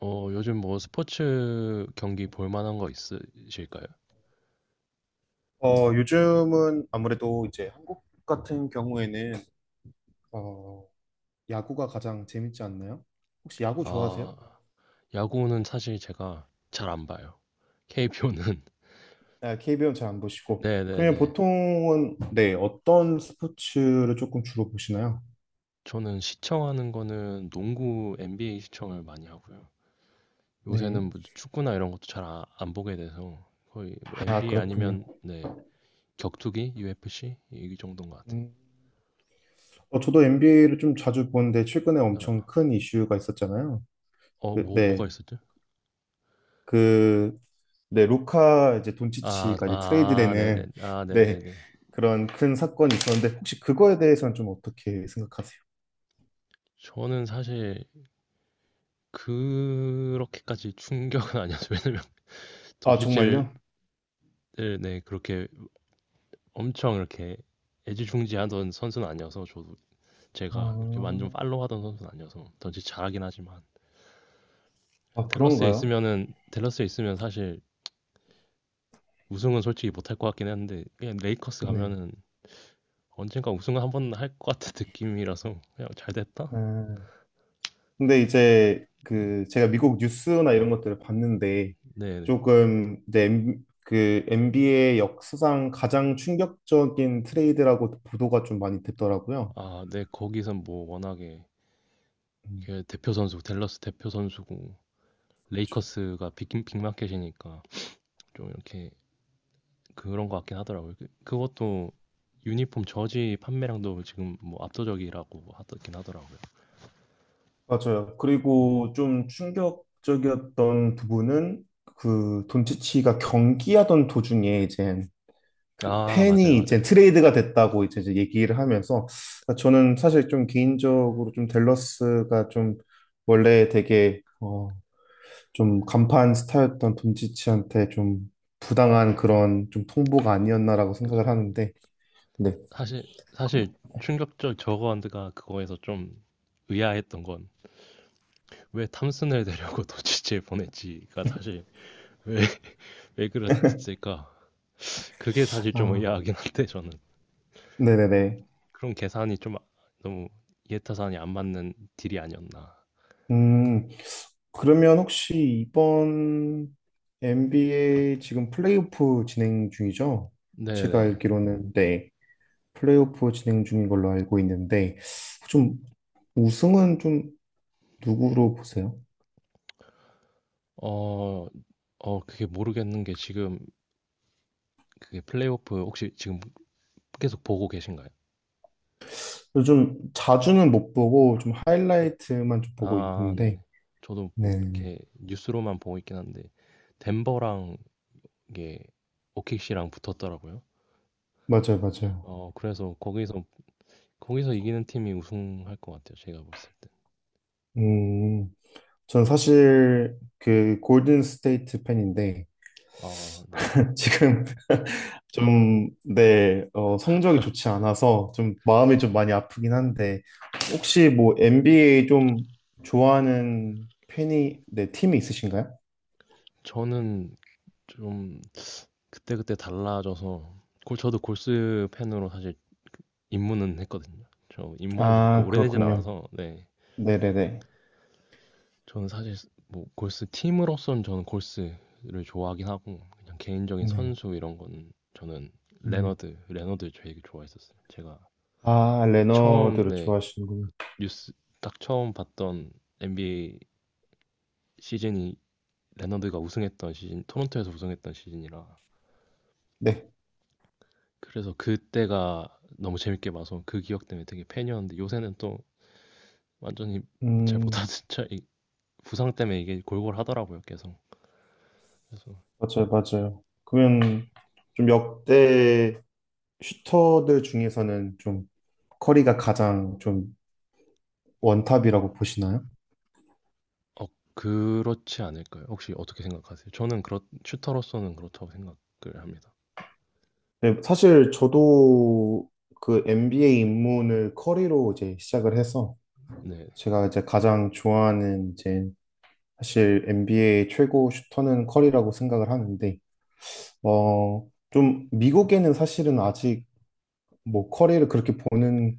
요즘 뭐 스포츠 경기 볼 만한 거 있으실까요? 요즘은 아무래도 이제 한국 같은 경우에는 어, 야구가 가장 재밌지 않나요? 혹시 야구 아, 좋아하세요? 야구는 사실 제가 잘 안 봐요. KPO 는 아, KBO는 잘 안 보시고. 그러면 네네네. 보통은 네, 어떤 스포츠를 조금 주로 보시나요? 저는 시청하는 거는 농구 NBA 시청을 많이 하고요. 네. 요새는 뭐 축구나 이런 것도 잘 안 보게 돼서 거의 뭐 아, NBA 그렇군요. 아니면 네, 격투기, UFC 이 정도인 것 같아요. 음, 저도 NBA를 좀 자주 보는데 최근에 어, 엄청 큰 이슈가 있었잖아요. 뭐가 네. 있었죠? 그, 네, 루카 이제 아, 돈치치가 이제 아, 네네. 트레이드되는 아, 네, 네네네. 그런 큰 사건이 있었는데 혹시 그거에 대해서는 좀 어떻게 생각하세요? 저는 사실 그렇게까지 충격은 아니었어요. 왜냐면 아, 도지체를 정말요? 네, 네, 그렇게 엄청 이렇게 애지중지하던 선수는 아니어서 저도 아, 제가 이렇게 완전 팔로우하던 선수는 아니어서 던지 잘하긴 하지만 아 그런가요? 댈러스에 있으면 사실 우승은 솔직히 못할 것 같긴 했는데 그냥 레이커스 네. 가면은 언젠가 우승을 한번 할 것 같은 느낌이라서 그냥 잘 됐다. 아, 근데 이제 그 제가 미국 뉴스나 이런 것들을 봤는데 네네. 조금 이제 그 NBA 역사상 가장 충격적인 트레이드라고 보도가 좀 많이 됐더라고요. 아, 네, 거기선 뭐 워낙에 음, 이게 대표 선수 댈러스 대표 선수고 그렇죠. 레이커스가 빅 빅마켓이니까 좀 이렇게 그런 것 같긴 하더라고요. 그것도 유니폼 저지 판매량도 지금 뭐 압도적이라고 하긴 하더라고요. 맞아요. 네. 그리고 좀 충격적이었던 부분은 그 돈치치가 경기하던 도중에 이제 그 아, 맞아요, 팬이 이제 맞아요. 트레이드가 됐다고 이제 얘기를 하면서 아, 저는 사실 좀 개인적으로 좀 댈러스가 좀 원래 되게 좀 간판 스타였던 돈치치한테 좀 부당한 그런 좀 통보가 아니었나라고 그죠. 생각을 하는데 네. 사실, 사실 충격적 저거한드가 그거에서 좀 의아했던 건 왜 탐슨을 데려고 도치치에 보냈지가 사실 왜, 왜 그랬을까? 그게 사실 좀 아, 의아하긴 한데 저는 네네네. 그런 계산이 좀 너무 이해타산이 안 맞는 딜이 아니었나. 음, 그러면 혹시 이번 NBA 지금 플레이오프 진행 중이죠? 제가 네네. 알기로는 네, 플레이오프 진행 중인 걸로 알고 있는데 좀 우승은 좀 누구로 보세요? 어, 그게 모르겠는 게 지금 그게 플레이오프 혹시 지금 계속 보고 계신가요? 요즘 네. 자주는 못 보고 좀 네. 하이라이트만 좀 보고 아, 있는데 네네. 저도 뭐 네네네 이렇게 뉴스로만 보고 있긴 한데 덴버랑 이게 오키시랑 붙었더라고요. 맞아요 맞아요 그래서 거기서 이기는 팀이 우승할 것 같아요. 제가 봤을 때. 음, 전 사실 그 골든 스테이트 팬인데 아, 네. 지금 좀, 네, 성적이 좋지 않아서 좀 마음이 좀 많이 아프긴 한데, 혹시 뭐 NBA 좀 좋아하는 팬이, 네, 팀이 있으신가요? 저는 좀 그때그때 달라져서 골 저도 골스 팬으로 사실 입문은 했거든요. 저 입문한 지 그렇게 아, 오래되진 그렇군요. 않아서 네. 네네네. 저는 사실 뭐 골스 팀으로서는 저는 골스를 좋아하긴 하고 그냥 개인적인 네. 선수 이런 건 저는 음. 레너드 되게 좋아했었어요. 제가 아, 처음 레너드를 네 좋아하시는군요. 뉴스 딱 처음 봤던 NBA 시즌이 레너드가 우승했던 시즌 토론토에서 우승했던 시즌이라 네. 그래서 그때가 너무 재밌게 봐서 그 기억 때문에 되게 팬이었는데 요새는 또 완전히 잘 음, 못하는 차 부상 때문에 이게 골골하더라고요 계속 그래서 맞아요, 맞아요. 그러면 좀 역대 슈터들 중에서는 좀 커리가 가장 좀 원탑이라고 보시나요? 어 그렇지 않을까요? 혹시 어떻게 생각하세요? 저는 그렇 슈터로서는 그렇다고 생각을 합니다. 네, 사실 저도 그 NBA 입문을 커리로 이제 시작을 해서 네. 제가 이제 가장 좋아하는 이제 사실 NBA 최고 슈터는 커리라고 생각을 하는데 좀 미국에는 사실은 아직 뭐 커리를 그렇게 보는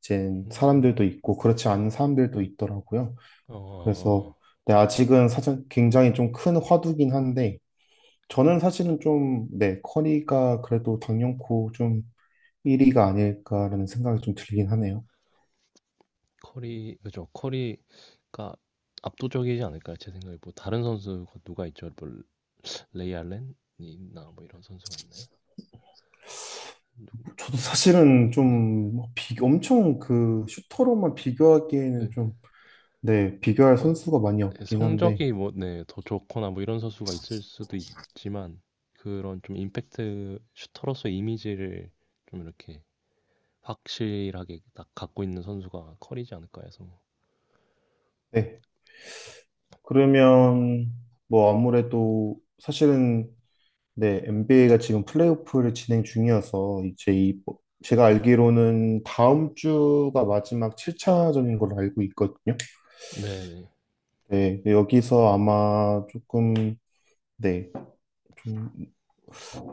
이제 사람들도 음. 있고 그렇지 않은 사람들도 있더라고요. 그래서 어 네, 아직은 사실 굉장히 좀 큰 화두긴 한데 저는 사실은 좀 네, 커리가 그래도 당연코 좀 1위가 아닐까라는 생각이 좀 들긴 하네요. 커리 그죠. 커리가 압도적이지 않을까요? 제 생각에 뭐 다른 선수가 누가 있죠? 뭐 레이 알렌이나 뭐 이런 선수가 있나요? 누구 저도 사실은 네. 좀 엄청 그 슈터로만 네. 비교하기에는 좀, 네, 비교할 뭐 선수가 많이 네, 없긴 한데, 성적이 뭐 네, 더 좋거나 뭐 이런 선수가 있을 수도 있지만 그런 좀 임팩트 슈터로서 이미지를 좀 이렇게 확실하게 딱 갖고 있는 선수가 커리지 않을까 해서. 네. 그러면 뭐 아무래도 사실은 네, NBA가 지금 플레이오프를 진행 중이어서 이제 이 뭐, 제가 알기로는 다음 주가 마지막 7차전인 걸로 알고 있거든요. 네네. 네, 여기서 아마 조금 네, 좀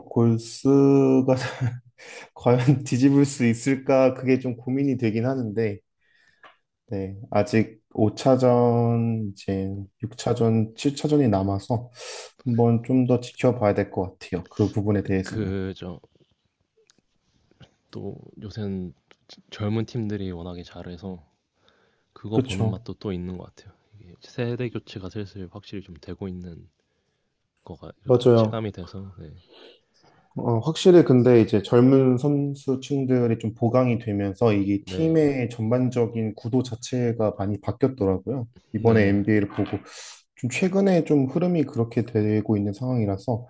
골스가 과연 뒤집을 수 있을까? 그게 좀 고민이 되긴 하는데, 네, 아직 5차전, 이제 6차전, 7차전이 남아서 한번 좀 더 지켜봐야 될 것 같아요. 그 부분에 대해서는. 그저 또 요새는 젊은 팀들이 워낙에 잘해서 그거 보는 그쵸. 맛도 또 있는 것 같아요. 이게 세대 교체가 슬슬 확실히 좀 되고 있는 거가 그러니까 맞아요. 체감이 돼서 네. 확실히 근데 이제 젊은 선수층들이 좀 보강이 되면서 이게 네. 팀의 전반적인 구도 자체가 많이 바뀌었더라고요. 이번에 네. NBA를 보고 좀 최근에 좀 흐름이 그렇게 되고 있는 상황이라서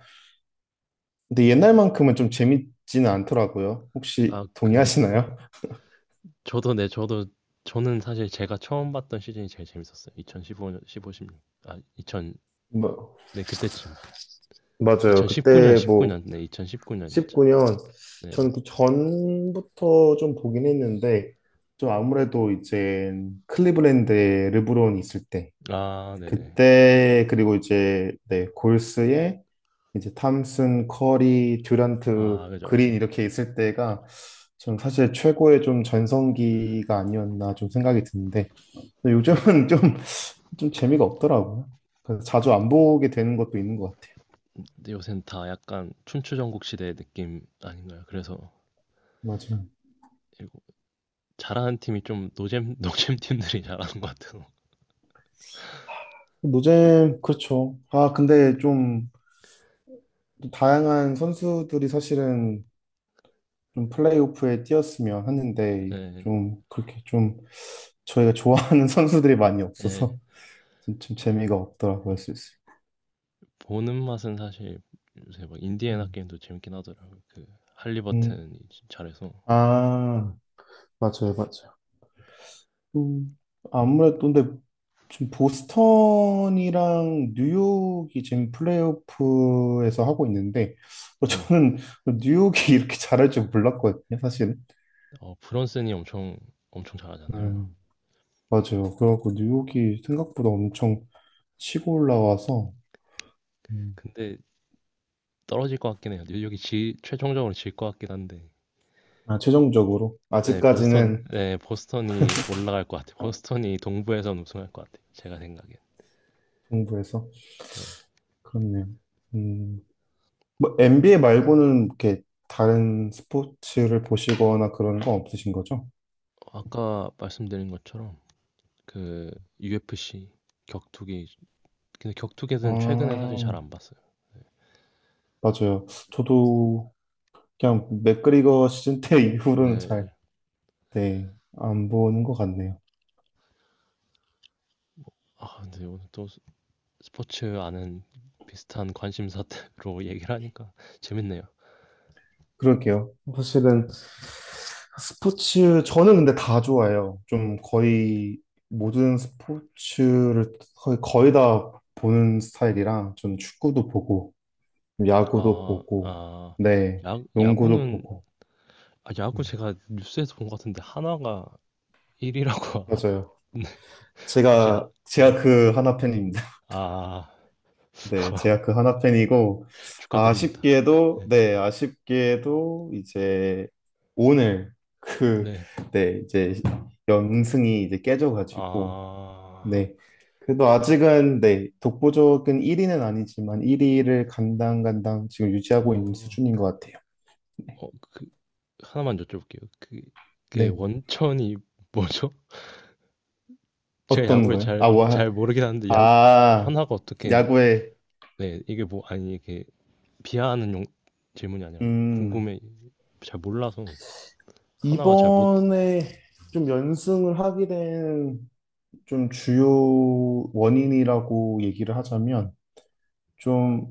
근데 옛날만큼은 좀 재밌지는 않더라고요. 혹시 아, 그 동의하시나요? 저도 네, 저도 저는 사실 제가 처음 봤던 시즌이 제일 재밌었어요. 2015년 15, 십육 아, 2000 뭐, 네, 그때쯤. 맞아요. 2019년 그때 뭐 19년. 네, 2019년이었죠. 19년 저는 네. 그 전부터 좀 보긴 했는데 좀 아무래도 이제 클리블랜드에 르브론 있을 때 아, 네네. 그때 그리고 이제 네 골스에 이제 탐슨, 커리, 듀란트, 아, 그죠, 그린 그죠. 이렇게 있을 때가 전 사실 최고의 좀 전성기가 아니었나 좀 생각이 드는데 근데 네, 요즘은 좀 재미가 없더라고요. 그래서 자주 안 보게 되는 것도 있는 것 같아요. 요새는 다 약간 춘추전국 시대 느낌 아닌가요? 그래서 맞아요. 이거 잘하는 팀이 좀 노잼, 노잼 팀들이 잘하는 것 같아요. 노잼, 그렇죠. 아, 근데 좀 다양한 선수들이 사실은 좀 플레이오프에 뛰었으면 하는데 예, 좀 그렇게 좀 저희가 좋아하는 선수들이 많이 예. 없어서 좀 재미가 없더라고요, 슬슬. 보는 맛은 사실 요새 막 인디애나 음. 게임도 재밌긴 하더라고요. 그 음. 할리버튼이 잘해서. 아, 맞아요, 맞아요. 음, 아무래도 근데 지금 보스턴이랑 뉴욕이 지금 플레이오프에서 하고 있는데 네. 저는 그 뉴욕이 이렇게 잘할 줄 몰랐거든요, 사실은. 브런슨이 엄청, 엄청 잘하잖아요. 음, 맞아요. 그래갖고 뉴욕이 생각보다 엄청 치고 올라와서 음, 근데 떨어질 것 같긴 해요. 뉴욕이 최종적으로 질 것 같긴 한데. 아, 최종적으로 네, 보스턴, 아직까지는 네, 보스턴이 올라갈 것 같아요. 보스턴이 동부에선 우승할 것 같아요. 제가 생각엔. 동부에서 네. 그렇네요. 음, 뭐 NBA 말고는 이렇게 다른 스포츠를 보시거나 그런 거 없으신 거죠? 아까 말씀드린 것처럼 그 UFC 격투기 근데 아, 격투기는 최근에 사실 잘 안 봤어요. 맞아요. 저도 그냥 맥그리거 시즌 때 이후로는 잘, 네. 네, 안 보는 것 같네요. 아, 근데 오늘 또 스포츠 아는 비슷한 관심사로 얘기를 하니까 재밌네요. 그럴게요. 네. 사실은 스포츠, 저는 근데 다 좋아요 좀 거의 모든 스포츠를 거의 다 보는 스타일이라 전 축구도 보고, 야구도 아, 보고, 아, 네, 농구도 야구는 보고. 아, 야구 음, 제가 뉴스에서 본 것 같은데 한화가 1위라고 맞아요. 혹시 하, 네. 제가 그 하나 팬입니다. 아, 네, 제가 그 하나 팬이고, 축하드립니다. 아쉽게도, 네. 네, 아쉽게도 이제 오늘 그, 네. 네, 이제 연승이 이제 깨져가지고, 아, 네. 그래도 아직은, 네, 독보적인 1위는 아니지만 1위를 간당간당 지금 유지하고 있는 어, 수준인 것 같아요. 네. 그, 하나만 여쭤볼게요. 그게 네. 원천이 뭐죠? 제가 어떤 야구를 거요? 잘, 아, 와, 잘 모르긴 하는데, 아, 하나가 어떻게, 야구에, 네, 이게 뭐, 아니, 이게 비하하는 질문이 아니라, 음, 궁금해, 잘 몰라서, 하나가 잘 못, 이번에 좀 연승을 하게 된 좀 주요 원인이라고 얘기를 하자면 좀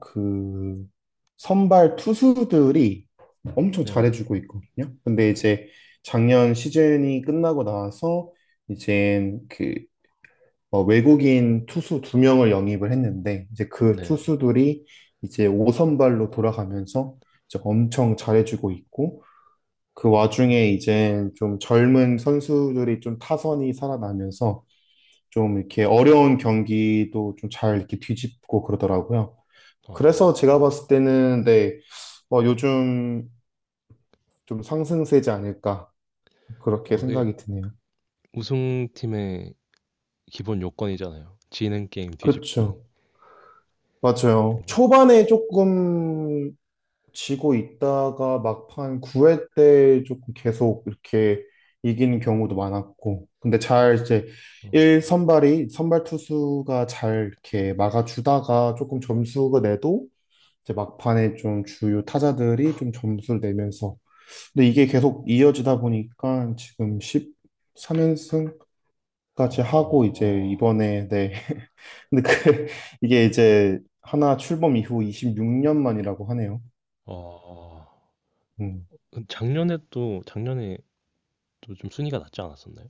그 선발 투수들이 엄청 네네, 잘해주고 있거든요. 근데 이제 작년 시즌이 끝나고 나서 이제 그 외국인 투수 두 명을 영입을 했는데 이제 그 네네. 투수들이 이제 5선발로 돌아가면서 이제 엄청 잘해주고 있고 그 와중에 이제 좀 젊은 선수들이 좀 타선이 살아나면서 좀 이렇게 어려운 경기도 좀 잘 이렇게 뒤집고 그러더라고요. 그래서 제가 어, 봤을 때는 네, 요즘 좀 상승세지 않을까 그렇게 그게 생각이 드네요. 우승팀의 기본 요건이잖아요. 지는 게임 뒤집기. 그렇죠. 맞아요. 초반에 조금 지고 있다가 막판 9회 때 조금 계속 이렇게 이기는 경우도 많았고 근데 잘 이제 어, 1선발이 선발 투수가 잘 이렇게 막아주다가 조금 점수가 내도 이제 막판에 좀 주요 타자들이 좀 점수를 내면서 근데 이게 계속 이어지다 보니까 지금 13연승까지 하고 이제 어, 이번에 네 근데 그 이게 이제 하나 출범 이후 26년 만이라고 하네요. 어. 어. 음. 작년에 또 좀 순위가 낮지 않았었나요?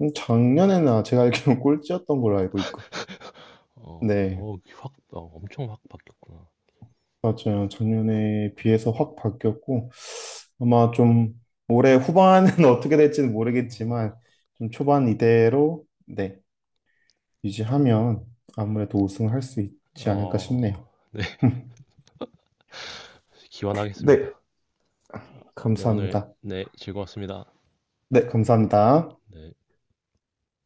작년에나 제가 알기로는 꼴찌였던 걸로 알고 있고 어, 네 어, 엄청 확 바뀌었구나. 맞아요. 작년에 비해서 어, 확 바뀌었고 아마 좀 올해 후반은 어떻게 될지는 어, 모르겠지만 좀 초반 이대로 네 유지하면 아무래도 우승을 할 수 있지 않을까 어, 싶네요. 네, 네, 기원하겠습니다. 어, 네, 오늘, 감사합니다. 네, 즐거웠습니다. 네, 감사합니다. 네.